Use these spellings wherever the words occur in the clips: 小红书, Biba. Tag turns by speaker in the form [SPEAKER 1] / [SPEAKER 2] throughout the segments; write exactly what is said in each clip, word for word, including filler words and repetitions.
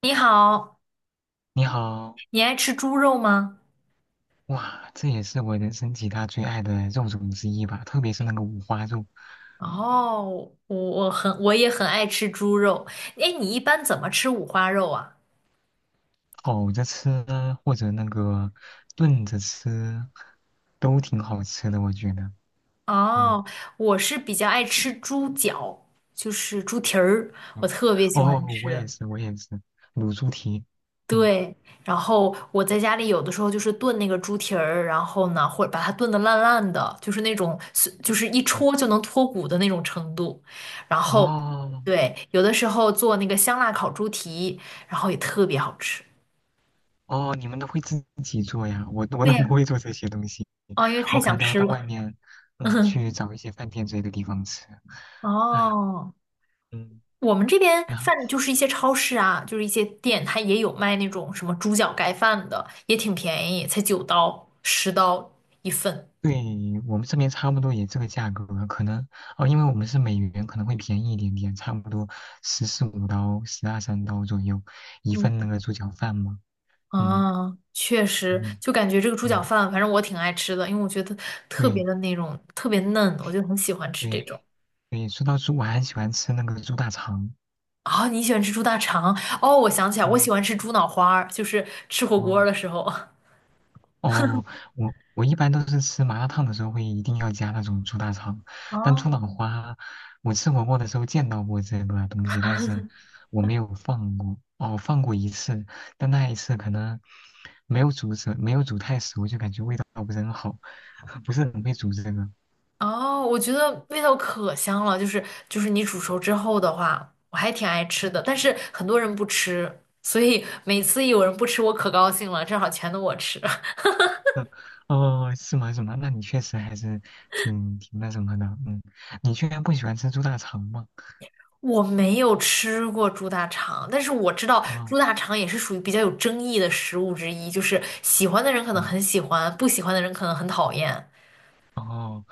[SPEAKER 1] 你好，
[SPEAKER 2] 你好，
[SPEAKER 1] 你爱吃猪肉吗？
[SPEAKER 2] 哇，这也是我人生几大最爱的肉种之一吧，特别是那个五花肉，
[SPEAKER 1] 哦，我我很我也很爱吃猪肉。哎，你一般怎么吃五花肉啊？
[SPEAKER 2] 烤着吃啊或者那个炖着吃，都挺好吃的，我觉得。嗯
[SPEAKER 1] 哦，我是比较爱吃猪脚，就是猪蹄儿，我
[SPEAKER 2] 嗯，
[SPEAKER 1] 特别喜
[SPEAKER 2] 哦，
[SPEAKER 1] 欢
[SPEAKER 2] 我也
[SPEAKER 1] 吃。
[SPEAKER 2] 是，我也是，卤猪蹄。嗯
[SPEAKER 1] 对，然后我在家里有的时候就是炖那个猪蹄儿，然后呢，或者把它炖得烂烂的，就是那种就是一
[SPEAKER 2] 嗯，
[SPEAKER 1] 戳就能脱骨的那种程度。然后，
[SPEAKER 2] 哦
[SPEAKER 1] 对，有的时候做那个香辣烤猪蹄，然后也特别好吃。
[SPEAKER 2] 哦，你们都会自己做呀？我我
[SPEAKER 1] 对
[SPEAKER 2] 都不
[SPEAKER 1] 呀，
[SPEAKER 2] 会做这些东西，
[SPEAKER 1] 哦，因为
[SPEAKER 2] 我
[SPEAKER 1] 太
[SPEAKER 2] 可能
[SPEAKER 1] 想
[SPEAKER 2] 都要
[SPEAKER 1] 吃
[SPEAKER 2] 到外
[SPEAKER 1] 了。
[SPEAKER 2] 面，嗯，
[SPEAKER 1] 嗯，
[SPEAKER 2] 去找一些饭店之类的地方吃。哎，
[SPEAKER 1] 哦，
[SPEAKER 2] 嗯。
[SPEAKER 1] 我们这边
[SPEAKER 2] 啊
[SPEAKER 1] 饭就是一些超市啊，就是一些店，它也有卖那种什么猪脚盖饭的，也挺便宜，才九刀、十刀一份。
[SPEAKER 2] 对我们这边差不多也这个价格，可能哦，因为我们是美元，可能会便宜一点点，差不多十四五刀、十二三刀左右一
[SPEAKER 1] 嗯，
[SPEAKER 2] 份那个猪脚饭嘛。嗯
[SPEAKER 1] 啊，确实，
[SPEAKER 2] 嗯，
[SPEAKER 1] 就感觉这个猪脚
[SPEAKER 2] 对
[SPEAKER 1] 饭，反正我挺爱吃的，因为我觉得特别
[SPEAKER 2] 对
[SPEAKER 1] 的那种特别嫩，我就很喜欢吃这
[SPEAKER 2] 对
[SPEAKER 1] 种。
[SPEAKER 2] 对，说到猪，我还喜欢吃那个猪大肠。
[SPEAKER 1] 啊、你喜欢吃猪大肠？哦，我想起来，我喜欢
[SPEAKER 2] 嗯
[SPEAKER 1] 吃猪脑花儿，就是吃火锅儿
[SPEAKER 2] 哦
[SPEAKER 1] 的时候。
[SPEAKER 2] 哦，我我一般都是吃麻辣烫的时候会一定要加那种猪大肠，但猪脑
[SPEAKER 1] 哦，
[SPEAKER 2] 花，我吃火锅的时候见到过这个东西，但是我没有放过。哦，放过一次，但那一次可能没有煮熟，没有煮太熟，就感觉味道不是很好，不是很会煮这个。
[SPEAKER 1] 哦，我觉得味道可香了，就是就是你煮熟之后的话，我还挺爱吃的，但是很多人不吃，所以每次有人不吃，我可高兴了，正好全都我吃。
[SPEAKER 2] 哦，是吗？是吗？那你确实还是挺挺那什么的，嗯，你居然不喜欢吃猪大肠吗？
[SPEAKER 1] 我没有吃过猪大肠，但是我知道
[SPEAKER 2] 啊、
[SPEAKER 1] 猪大肠也是属于比较有争议的食物之一，就是喜欢的人可能
[SPEAKER 2] 嗯。
[SPEAKER 1] 很喜欢，不喜欢的人可能很讨厌。
[SPEAKER 2] 哦，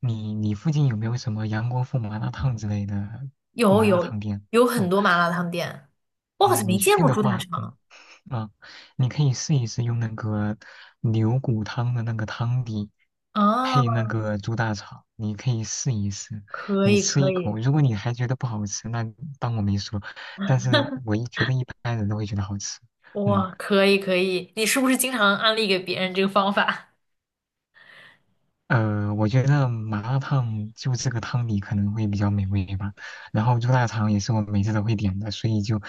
[SPEAKER 2] 你你附近有没有什么杨国富麻辣烫之类的
[SPEAKER 1] 有
[SPEAKER 2] 麻辣
[SPEAKER 1] 有
[SPEAKER 2] 烫店？
[SPEAKER 1] 有很
[SPEAKER 2] 哦，
[SPEAKER 1] 多麻辣烫店，我好像
[SPEAKER 2] 嗯，
[SPEAKER 1] 没
[SPEAKER 2] 你
[SPEAKER 1] 见
[SPEAKER 2] 去
[SPEAKER 1] 过
[SPEAKER 2] 的
[SPEAKER 1] 猪大
[SPEAKER 2] 话，
[SPEAKER 1] 肠
[SPEAKER 2] 嗯啊，你可以试一试用那个牛骨汤的那个汤底
[SPEAKER 1] 啊，
[SPEAKER 2] 配那个猪大肠，你可以试一试，
[SPEAKER 1] 可
[SPEAKER 2] 你
[SPEAKER 1] 以
[SPEAKER 2] 吃
[SPEAKER 1] 可
[SPEAKER 2] 一口，
[SPEAKER 1] 以。
[SPEAKER 2] 如果你还觉得不好吃，那当我没说，但是我一觉得一般人都会觉得好吃，嗯。
[SPEAKER 1] 哇，可以可以，你是不是经常安利给别人这个方法？
[SPEAKER 2] 呃，我觉得麻辣烫就这个汤底可能会比较美味吧，然后猪大肠也是我每次都会点的，所以就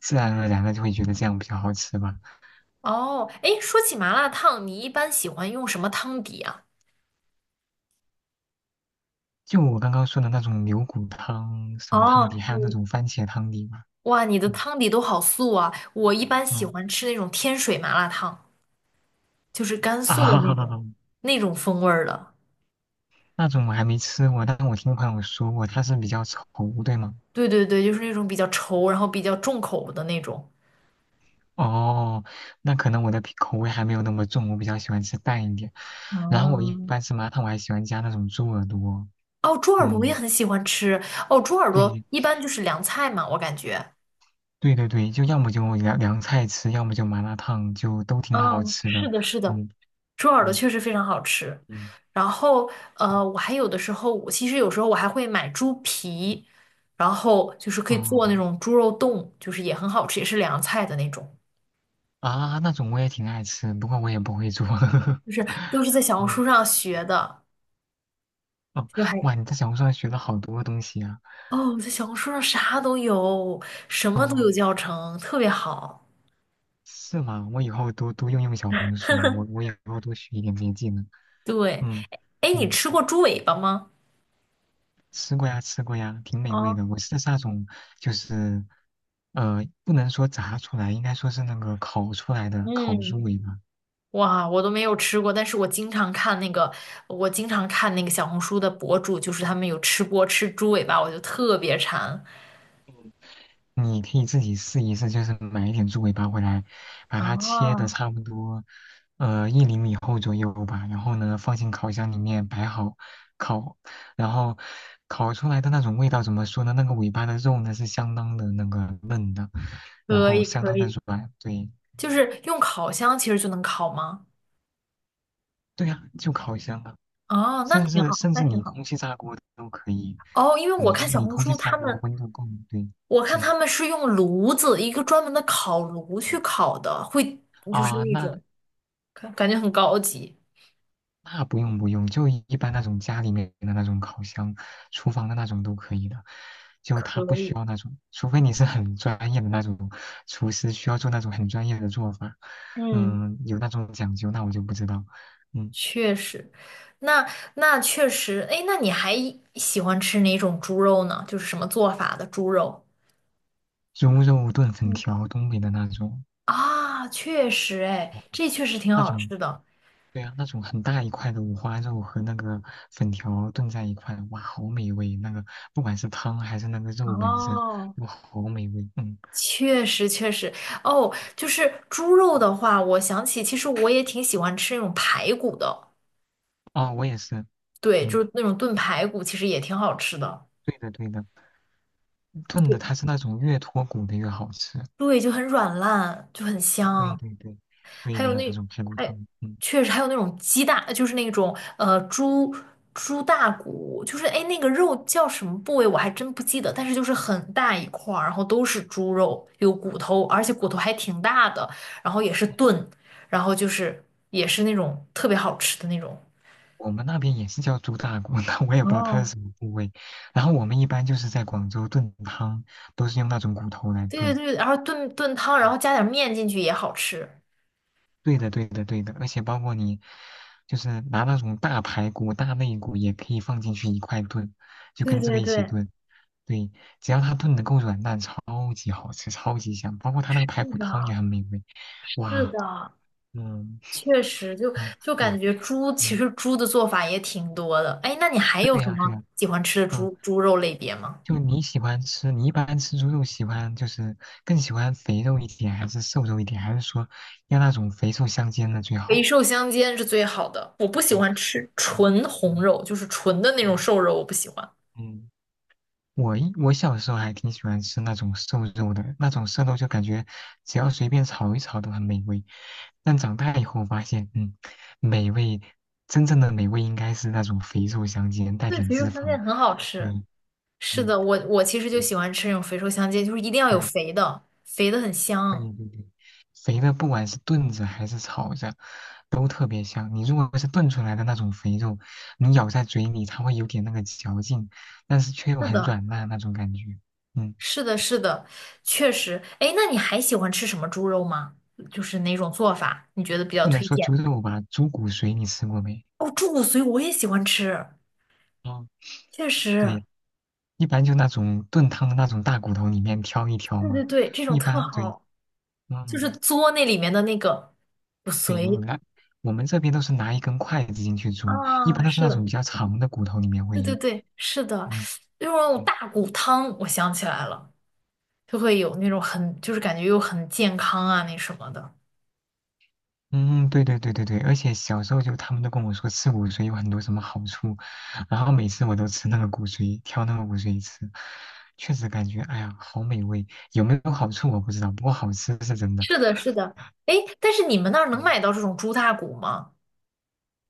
[SPEAKER 2] 自然而然的就会觉得这样比较好吃吧。
[SPEAKER 1] 哦，哎，说起麻辣烫，你一般喜欢用什么汤底啊？
[SPEAKER 2] 就我刚刚说的那种牛骨汤、什么
[SPEAKER 1] 哦，
[SPEAKER 2] 汤底，还有那
[SPEAKER 1] 你
[SPEAKER 2] 种番茄汤底嘛，
[SPEAKER 1] 哇，你的
[SPEAKER 2] 嗯
[SPEAKER 1] 汤底都好素啊！我一般喜
[SPEAKER 2] 嗯
[SPEAKER 1] 欢吃那种天水麻辣烫，就是甘肃的那
[SPEAKER 2] 啊，
[SPEAKER 1] 种 那种风味儿的。
[SPEAKER 2] 那种我还没吃过，但我听朋友说过，它是比较稠，对吗？
[SPEAKER 1] 对对对，就是那种比较稠，然后比较重口的那种。
[SPEAKER 2] 哦，那可能我的口口味还没有那么重，我比较喜欢吃淡一点。然后我一
[SPEAKER 1] 嗯，
[SPEAKER 2] 般吃麻辣烫，我还喜欢加那种猪耳朵，
[SPEAKER 1] 哦，猪耳朵我也
[SPEAKER 2] 嗯。
[SPEAKER 1] 很喜欢吃。哦，猪耳朵
[SPEAKER 2] 对，
[SPEAKER 1] 一般就是凉菜嘛，我感觉。
[SPEAKER 2] 对对对，就要么就凉凉菜吃，要么就麻辣烫，就都挺好
[SPEAKER 1] 嗯，
[SPEAKER 2] 吃的。
[SPEAKER 1] 是的，是的，
[SPEAKER 2] 嗯
[SPEAKER 1] 猪耳朵
[SPEAKER 2] 嗯
[SPEAKER 1] 确实非常好吃。
[SPEAKER 2] 嗯
[SPEAKER 1] 然后，呃，我还有的时候，我其实有时候我还会买猪皮，然后就是可以做那
[SPEAKER 2] 嗯
[SPEAKER 1] 种猪肉冻，就是也很好吃，也是凉菜的那种，
[SPEAKER 2] 啊，那种我也挺爱吃，不过我也不会做。
[SPEAKER 1] 就是都是在小红
[SPEAKER 2] 嗯
[SPEAKER 1] 书上学的，
[SPEAKER 2] 哦，
[SPEAKER 1] 就还
[SPEAKER 2] 哇，你在小红书上学了好多东西啊。
[SPEAKER 1] 哦，在小红书上啥都有，什么都
[SPEAKER 2] 嗯，
[SPEAKER 1] 有教程，特别好。
[SPEAKER 2] 是吗？我以后多多用用小红书，我我以后多学一点这些技能。
[SPEAKER 1] 对，
[SPEAKER 2] 嗯
[SPEAKER 1] 哎，你
[SPEAKER 2] 嗯，
[SPEAKER 1] 吃过猪尾巴吗？
[SPEAKER 2] 吃过呀，吃过呀，挺美味
[SPEAKER 1] 啊，
[SPEAKER 2] 的。我吃的是那种，就是呃，不能说炸出来，应该说是那个烤出来的烤
[SPEAKER 1] 嗯，
[SPEAKER 2] 猪尾巴。
[SPEAKER 1] 哇，我都没有吃过，但是我经常看那个，我经常看那个小红书的博主，就是他们有吃播吃猪尾巴，我就特别馋。
[SPEAKER 2] 你可以自己试一试，就是买一点猪尾巴回来，把它切的
[SPEAKER 1] 啊。
[SPEAKER 2] 差不多，呃，一厘米厚左右吧。然后呢，放进烤箱里面摆好烤，然后烤出来的那种味道怎么说呢？那个尾巴的肉呢是相当的那个嫩的，然
[SPEAKER 1] 可
[SPEAKER 2] 后
[SPEAKER 1] 以
[SPEAKER 2] 相
[SPEAKER 1] 可
[SPEAKER 2] 当的
[SPEAKER 1] 以，
[SPEAKER 2] 软。对，
[SPEAKER 1] 就是用烤箱其实就能烤吗？
[SPEAKER 2] 对呀，就烤箱啊，
[SPEAKER 1] 啊，那
[SPEAKER 2] 甚
[SPEAKER 1] 挺
[SPEAKER 2] 至
[SPEAKER 1] 好，
[SPEAKER 2] 甚
[SPEAKER 1] 那
[SPEAKER 2] 至
[SPEAKER 1] 挺
[SPEAKER 2] 你
[SPEAKER 1] 好。
[SPEAKER 2] 空气炸锅都可以。
[SPEAKER 1] 哦，因为
[SPEAKER 2] 嗯，
[SPEAKER 1] 我
[SPEAKER 2] 如
[SPEAKER 1] 看
[SPEAKER 2] 果
[SPEAKER 1] 小
[SPEAKER 2] 你
[SPEAKER 1] 红
[SPEAKER 2] 空
[SPEAKER 1] 书
[SPEAKER 2] 气炸
[SPEAKER 1] 他
[SPEAKER 2] 锅
[SPEAKER 1] 们，
[SPEAKER 2] 温度够，对，
[SPEAKER 1] 我看他
[SPEAKER 2] 嗯
[SPEAKER 1] 们是用炉子，一个专门的烤炉去
[SPEAKER 2] 嗯
[SPEAKER 1] 烤的，会就是
[SPEAKER 2] 啊，
[SPEAKER 1] 那
[SPEAKER 2] 那。
[SPEAKER 1] 种感感觉很高级。
[SPEAKER 2] 那不用不用，就一般那种家里面的那种烤箱、厨房的那种都可以的，就它不
[SPEAKER 1] 可
[SPEAKER 2] 需
[SPEAKER 1] 以，
[SPEAKER 2] 要那种，除非你是很专业的那种厨师，需要做那种很专业的做法，
[SPEAKER 1] 嗯。
[SPEAKER 2] 嗯，有那种讲究，那我就不知道，嗯，
[SPEAKER 1] 确实，那那确实，哎，那你还喜欢吃哪种猪肉呢？就是什么做法的猪肉
[SPEAKER 2] 猪肉炖粉
[SPEAKER 1] 嗯，
[SPEAKER 2] 条，东北的那种，
[SPEAKER 1] 啊？确实，哎，这确实挺
[SPEAKER 2] 那
[SPEAKER 1] 好
[SPEAKER 2] 种，
[SPEAKER 1] 吃的。
[SPEAKER 2] 对啊，那种很大一块的五花肉和那个粉条炖在一块，哇，好美味，那个不管是汤还是那个肉本身，
[SPEAKER 1] 哦，
[SPEAKER 2] 哇，好美味，嗯，
[SPEAKER 1] 确实确实，哦，就是猪肉的话，我想起其实我也挺喜欢吃那种排骨的，
[SPEAKER 2] 哦，我也是，
[SPEAKER 1] 对，就
[SPEAKER 2] 嗯。
[SPEAKER 1] 是那种炖排骨，其实也挺好吃的。
[SPEAKER 2] 对的，对的，炖的
[SPEAKER 1] 对，
[SPEAKER 2] 它是那种越脱骨的越好吃。
[SPEAKER 1] 对，就很软烂，就很
[SPEAKER 2] 对
[SPEAKER 1] 香。
[SPEAKER 2] 对对，对
[SPEAKER 1] 还
[SPEAKER 2] 的
[SPEAKER 1] 有
[SPEAKER 2] 那
[SPEAKER 1] 那，
[SPEAKER 2] 种排骨
[SPEAKER 1] 哎，
[SPEAKER 2] 汤，嗯，
[SPEAKER 1] 确实还有那种鸡大，就是那种呃猪猪大骨，就是哎那个肉叫什么部位我还真不记得，但是就是很大一块儿，然后都是猪肉，有骨头，而且骨头还挺大的，然后也是炖，然后就是也是那种特别好吃的那种。
[SPEAKER 2] 我们那边也是叫猪大骨，但我也不知道它是
[SPEAKER 1] 哦，
[SPEAKER 2] 什么部位。然后我们一般就是在广州炖汤，都是用那种骨头来
[SPEAKER 1] 对
[SPEAKER 2] 炖。
[SPEAKER 1] 对对，然后炖炖汤，然后加点面进去也好吃。
[SPEAKER 2] 对的，对的，对的，而且包括你就是拿那种大排骨、大肋骨也可以放进去一块炖，就
[SPEAKER 1] 对
[SPEAKER 2] 跟这个
[SPEAKER 1] 对
[SPEAKER 2] 一起
[SPEAKER 1] 对，
[SPEAKER 2] 炖。对，只要它炖的够软烂，超级好吃，超级香。包括它那个排
[SPEAKER 1] 是
[SPEAKER 2] 骨
[SPEAKER 1] 的，
[SPEAKER 2] 汤也很美味，
[SPEAKER 1] 是
[SPEAKER 2] 哇。
[SPEAKER 1] 的。
[SPEAKER 2] 嗯，
[SPEAKER 1] 确实就，
[SPEAKER 2] 嗯，
[SPEAKER 1] 就感
[SPEAKER 2] 对，
[SPEAKER 1] 觉猪其
[SPEAKER 2] 嗯，
[SPEAKER 1] 实猪的做法也挺多的。哎，那你还有
[SPEAKER 2] 对
[SPEAKER 1] 什
[SPEAKER 2] 呀，对
[SPEAKER 1] 么
[SPEAKER 2] 呀，
[SPEAKER 1] 喜欢吃的
[SPEAKER 2] 嗯，
[SPEAKER 1] 猪猪肉类别吗？
[SPEAKER 2] 就你喜欢吃，你一般吃猪肉喜欢就是更喜欢肥肉一点，还是瘦肉一点，还是说要那种肥瘦相间的最
[SPEAKER 1] 肥
[SPEAKER 2] 好？
[SPEAKER 1] 瘦相间是最好的。我不喜
[SPEAKER 2] 嗯
[SPEAKER 1] 欢吃
[SPEAKER 2] 嗯
[SPEAKER 1] 纯红
[SPEAKER 2] 嗯
[SPEAKER 1] 肉，就是纯的那种
[SPEAKER 2] 嗯
[SPEAKER 1] 瘦肉，我不喜欢。
[SPEAKER 2] 嗯，我一我小时候还挺喜欢吃那种瘦肉的，那种瘦肉就感觉只要随便炒一炒都很美味，但长大以后发现，嗯，美味真正的美味应该是那种肥瘦相间，带
[SPEAKER 1] 对，
[SPEAKER 2] 点
[SPEAKER 1] 肥瘦
[SPEAKER 2] 脂
[SPEAKER 1] 相间
[SPEAKER 2] 肪，
[SPEAKER 1] 很好
[SPEAKER 2] 对，
[SPEAKER 1] 吃。是
[SPEAKER 2] 嗯
[SPEAKER 1] 的，我我其实就
[SPEAKER 2] 对。
[SPEAKER 1] 喜欢吃那种肥瘦相间，就是一定要有
[SPEAKER 2] 对
[SPEAKER 1] 肥的，肥的很
[SPEAKER 2] 对
[SPEAKER 1] 香。
[SPEAKER 2] 对对，肥的不管是炖着还是炒着，都特别香。你如果是炖出来的那种肥肉，你咬在嘴里，它会有点那个嚼劲，但是却又
[SPEAKER 1] 是
[SPEAKER 2] 很
[SPEAKER 1] 的，
[SPEAKER 2] 软烂那种感觉。嗯，
[SPEAKER 1] 是的，是的，确实。哎，那你还喜欢吃什么猪肉吗？就是哪种做法你觉得比较
[SPEAKER 2] 不能
[SPEAKER 1] 推
[SPEAKER 2] 说
[SPEAKER 1] 荐？
[SPEAKER 2] 猪肉吧，猪骨髓你吃过没？
[SPEAKER 1] 哦，猪骨髓我也喜欢吃。
[SPEAKER 2] 嗯，
[SPEAKER 1] 确实，
[SPEAKER 2] 对，一般就那种炖汤的那种大骨头里面挑一挑
[SPEAKER 1] 对对
[SPEAKER 2] 嘛。
[SPEAKER 1] 对，这种
[SPEAKER 2] 一
[SPEAKER 1] 特
[SPEAKER 2] 般对，
[SPEAKER 1] 好，就是
[SPEAKER 2] 嗯，
[SPEAKER 1] 嘬那里面的那个骨
[SPEAKER 2] 对你
[SPEAKER 1] 髓
[SPEAKER 2] 那我们这边都是拿一根筷子进去煮，一
[SPEAKER 1] 啊，
[SPEAKER 2] 般都是
[SPEAKER 1] 是
[SPEAKER 2] 那种
[SPEAKER 1] 的，
[SPEAKER 2] 比较长的骨头里面
[SPEAKER 1] 对
[SPEAKER 2] 会
[SPEAKER 1] 对
[SPEAKER 2] 有。
[SPEAKER 1] 对，是的，
[SPEAKER 2] 嗯，
[SPEAKER 1] 就是那种
[SPEAKER 2] 对
[SPEAKER 1] 大骨汤，我想起来了，就会有那种很，就是感觉又很健康啊，那什么的。
[SPEAKER 2] 嗯，对对对对对，而且小时候就他们都跟我说吃骨髓有很多什么好处，然后每次我都吃那个骨髓，挑那个骨髓吃，确实感觉哎呀好美味，有没有好处我不知道，不过好吃是真的。
[SPEAKER 1] 是的，是的，哎，但是你们那儿能
[SPEAKER 2] 嗯
[SPEAKER 1] 买到这种猪大骨吗？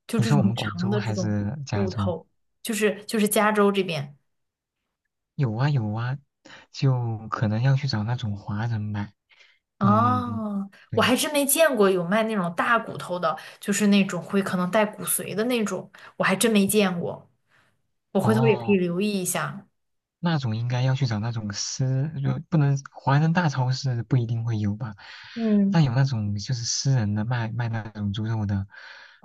[SPEAKER 1] 就
[SPEAKER 2] 你
[SPEAKER 1] 这
[SPEAKER 2] 说
[SPEAKER 1] 种
[SPEAKER 2] 我
[SPEAKER 1] 很
[SPEAKER 2] 们广
[SPEAKER 1] 长
[SPEAKER 2] 州
[SPEAKER 1] 的这
[SPEAKER 2] 还
[SPEAKER 1] 种
[SPEAKER 2] 是加
[SPEAKER 1] 骨
[SPEAKER 2] 州？
[SPEAKER 1] 头，就是就是加州这边。
[SPEAKER 2] 有啊有啊，就可能要去找那种华人买。嗯，
[SPEAKER 1] 哦，我
[SPEAKER 2] 对，
[SPEAKER 1] 还真没见过有卖那种大骨头的，就是那种会可能带骨髓的那种，我还真没见过。我回头也可以
[SPEAKER 2] 哦。
[SPEAKER 1] 留意一下。
[SPEAKER 2] 那种应该要去找那种私，就不能华人大超市不一定会有吧，
[SPEAKER 1] 嗯，
[SPEAKER 2] 但有那种就是私人的卖卖那种猪肉的，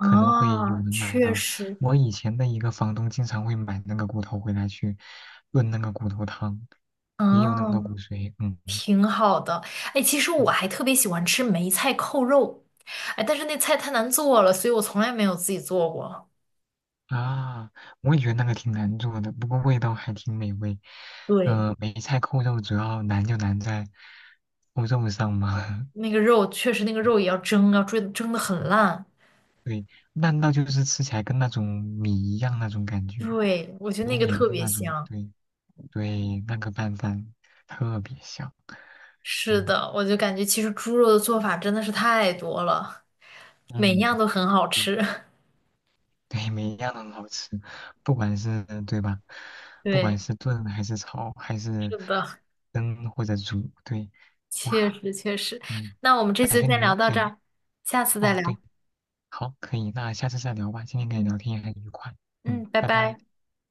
[SPEAKER 2] 可能会有人买
[SPEAKER 1] 确
[SPEAKER 2] 到。
[SPEAKER 1] 实，
[SPEAKER 2] 我以前的一个房东经常会买那个骨头回来去炖那个骨头汤，也有那个
[SPEAKER 1] 嗯，
[SPEAKER 2] 骨髓，嗯
[SPEAKER 1] 挺好的。哎，其实
[SPEAKER 2] 嗯
[SPEAKER 1] 我还特别喜欢吃梅菜扣肉，哎，但是那菜太难做了，所以我从来没有自己做过。
[SPEAKER 2] 啊，我也觉得那个挺难做的，不过味道还挺美味。
[SPEAKER 1] 对，
[SPEAKER 2] 嗯、梅菜扣肉主要难就难在扣肉上嘛。
[SPEAKER 1] 那个肉确实，那个肉也要蒸，要蒸蒸的很 烂。
[SPEAKER 2] 对，烂到就是吃起来跟那种米一样那种感觉，
[SPEAKER 1] 对，我觉得那
[SPEAKER 2] 黏
[SPEAKER 1] 个
[SPEAKER 2] 黏
[SPEAKER 1] 特
[SPEAKER 2] 的
[SPEAKER 1] 别
[SPEAKER 2] 那种。
[SPEAKER 1] 香。
[SPEAKER 2] 对对，那个拌饭特别香。
[SPEAKER 1] 是
[SPEAKER 2] 嗯
[SPEAKER 1] 的，我就感觉其实猪肉的做法真的是太多了，每一
[SPEAKER 2] 嗯，
[SPEAKER 1] 样都很好
[SPEAKER 2] 对，
[SPEAKER 1] 吃。
[SPEAKER 2] 对每一样都很好吃，不管是对吧？不
[SPEAKER 1] 对，
[SPEAKER 2] 管是炖还是炒还是
[SPEAKER 1] 是的，
[SPEAKER 2] 蒸或者煮，对，
[SPEAKER 1] 确
[SPEAKER 2] 哇，
[SPEAKER 1] 实确实。
[SPEAKER 2] 嗯，
[SPEAKER 1] 那我们这
[SPEAKER 2] 感
[SPEAKER 1] 次
[SPEAKER 2] 觉你
[SPEAKER 1] 先聊
[SPEAKER 2] 们
[SPEAKER 1] 到这
[SPEAKER 2] 对
[SPEAKER 1] 儿，下次再
[SPEAKER 2] 哦
[SPEAKER 1] 聊。
[SPEAKER 2] 对，好，可以，那下次再聊吧。今天跟你
[SPEAKER 1] 嗯
[SPEAKER 2] 聊天也很愉快，
[SPEAKER 1] 嗯，
[SPEAKER 2] 嗯，
[SPEAKER 1] 拜
[SPEAKER 2] 拜拜。
[SPEAKER 1] 拜。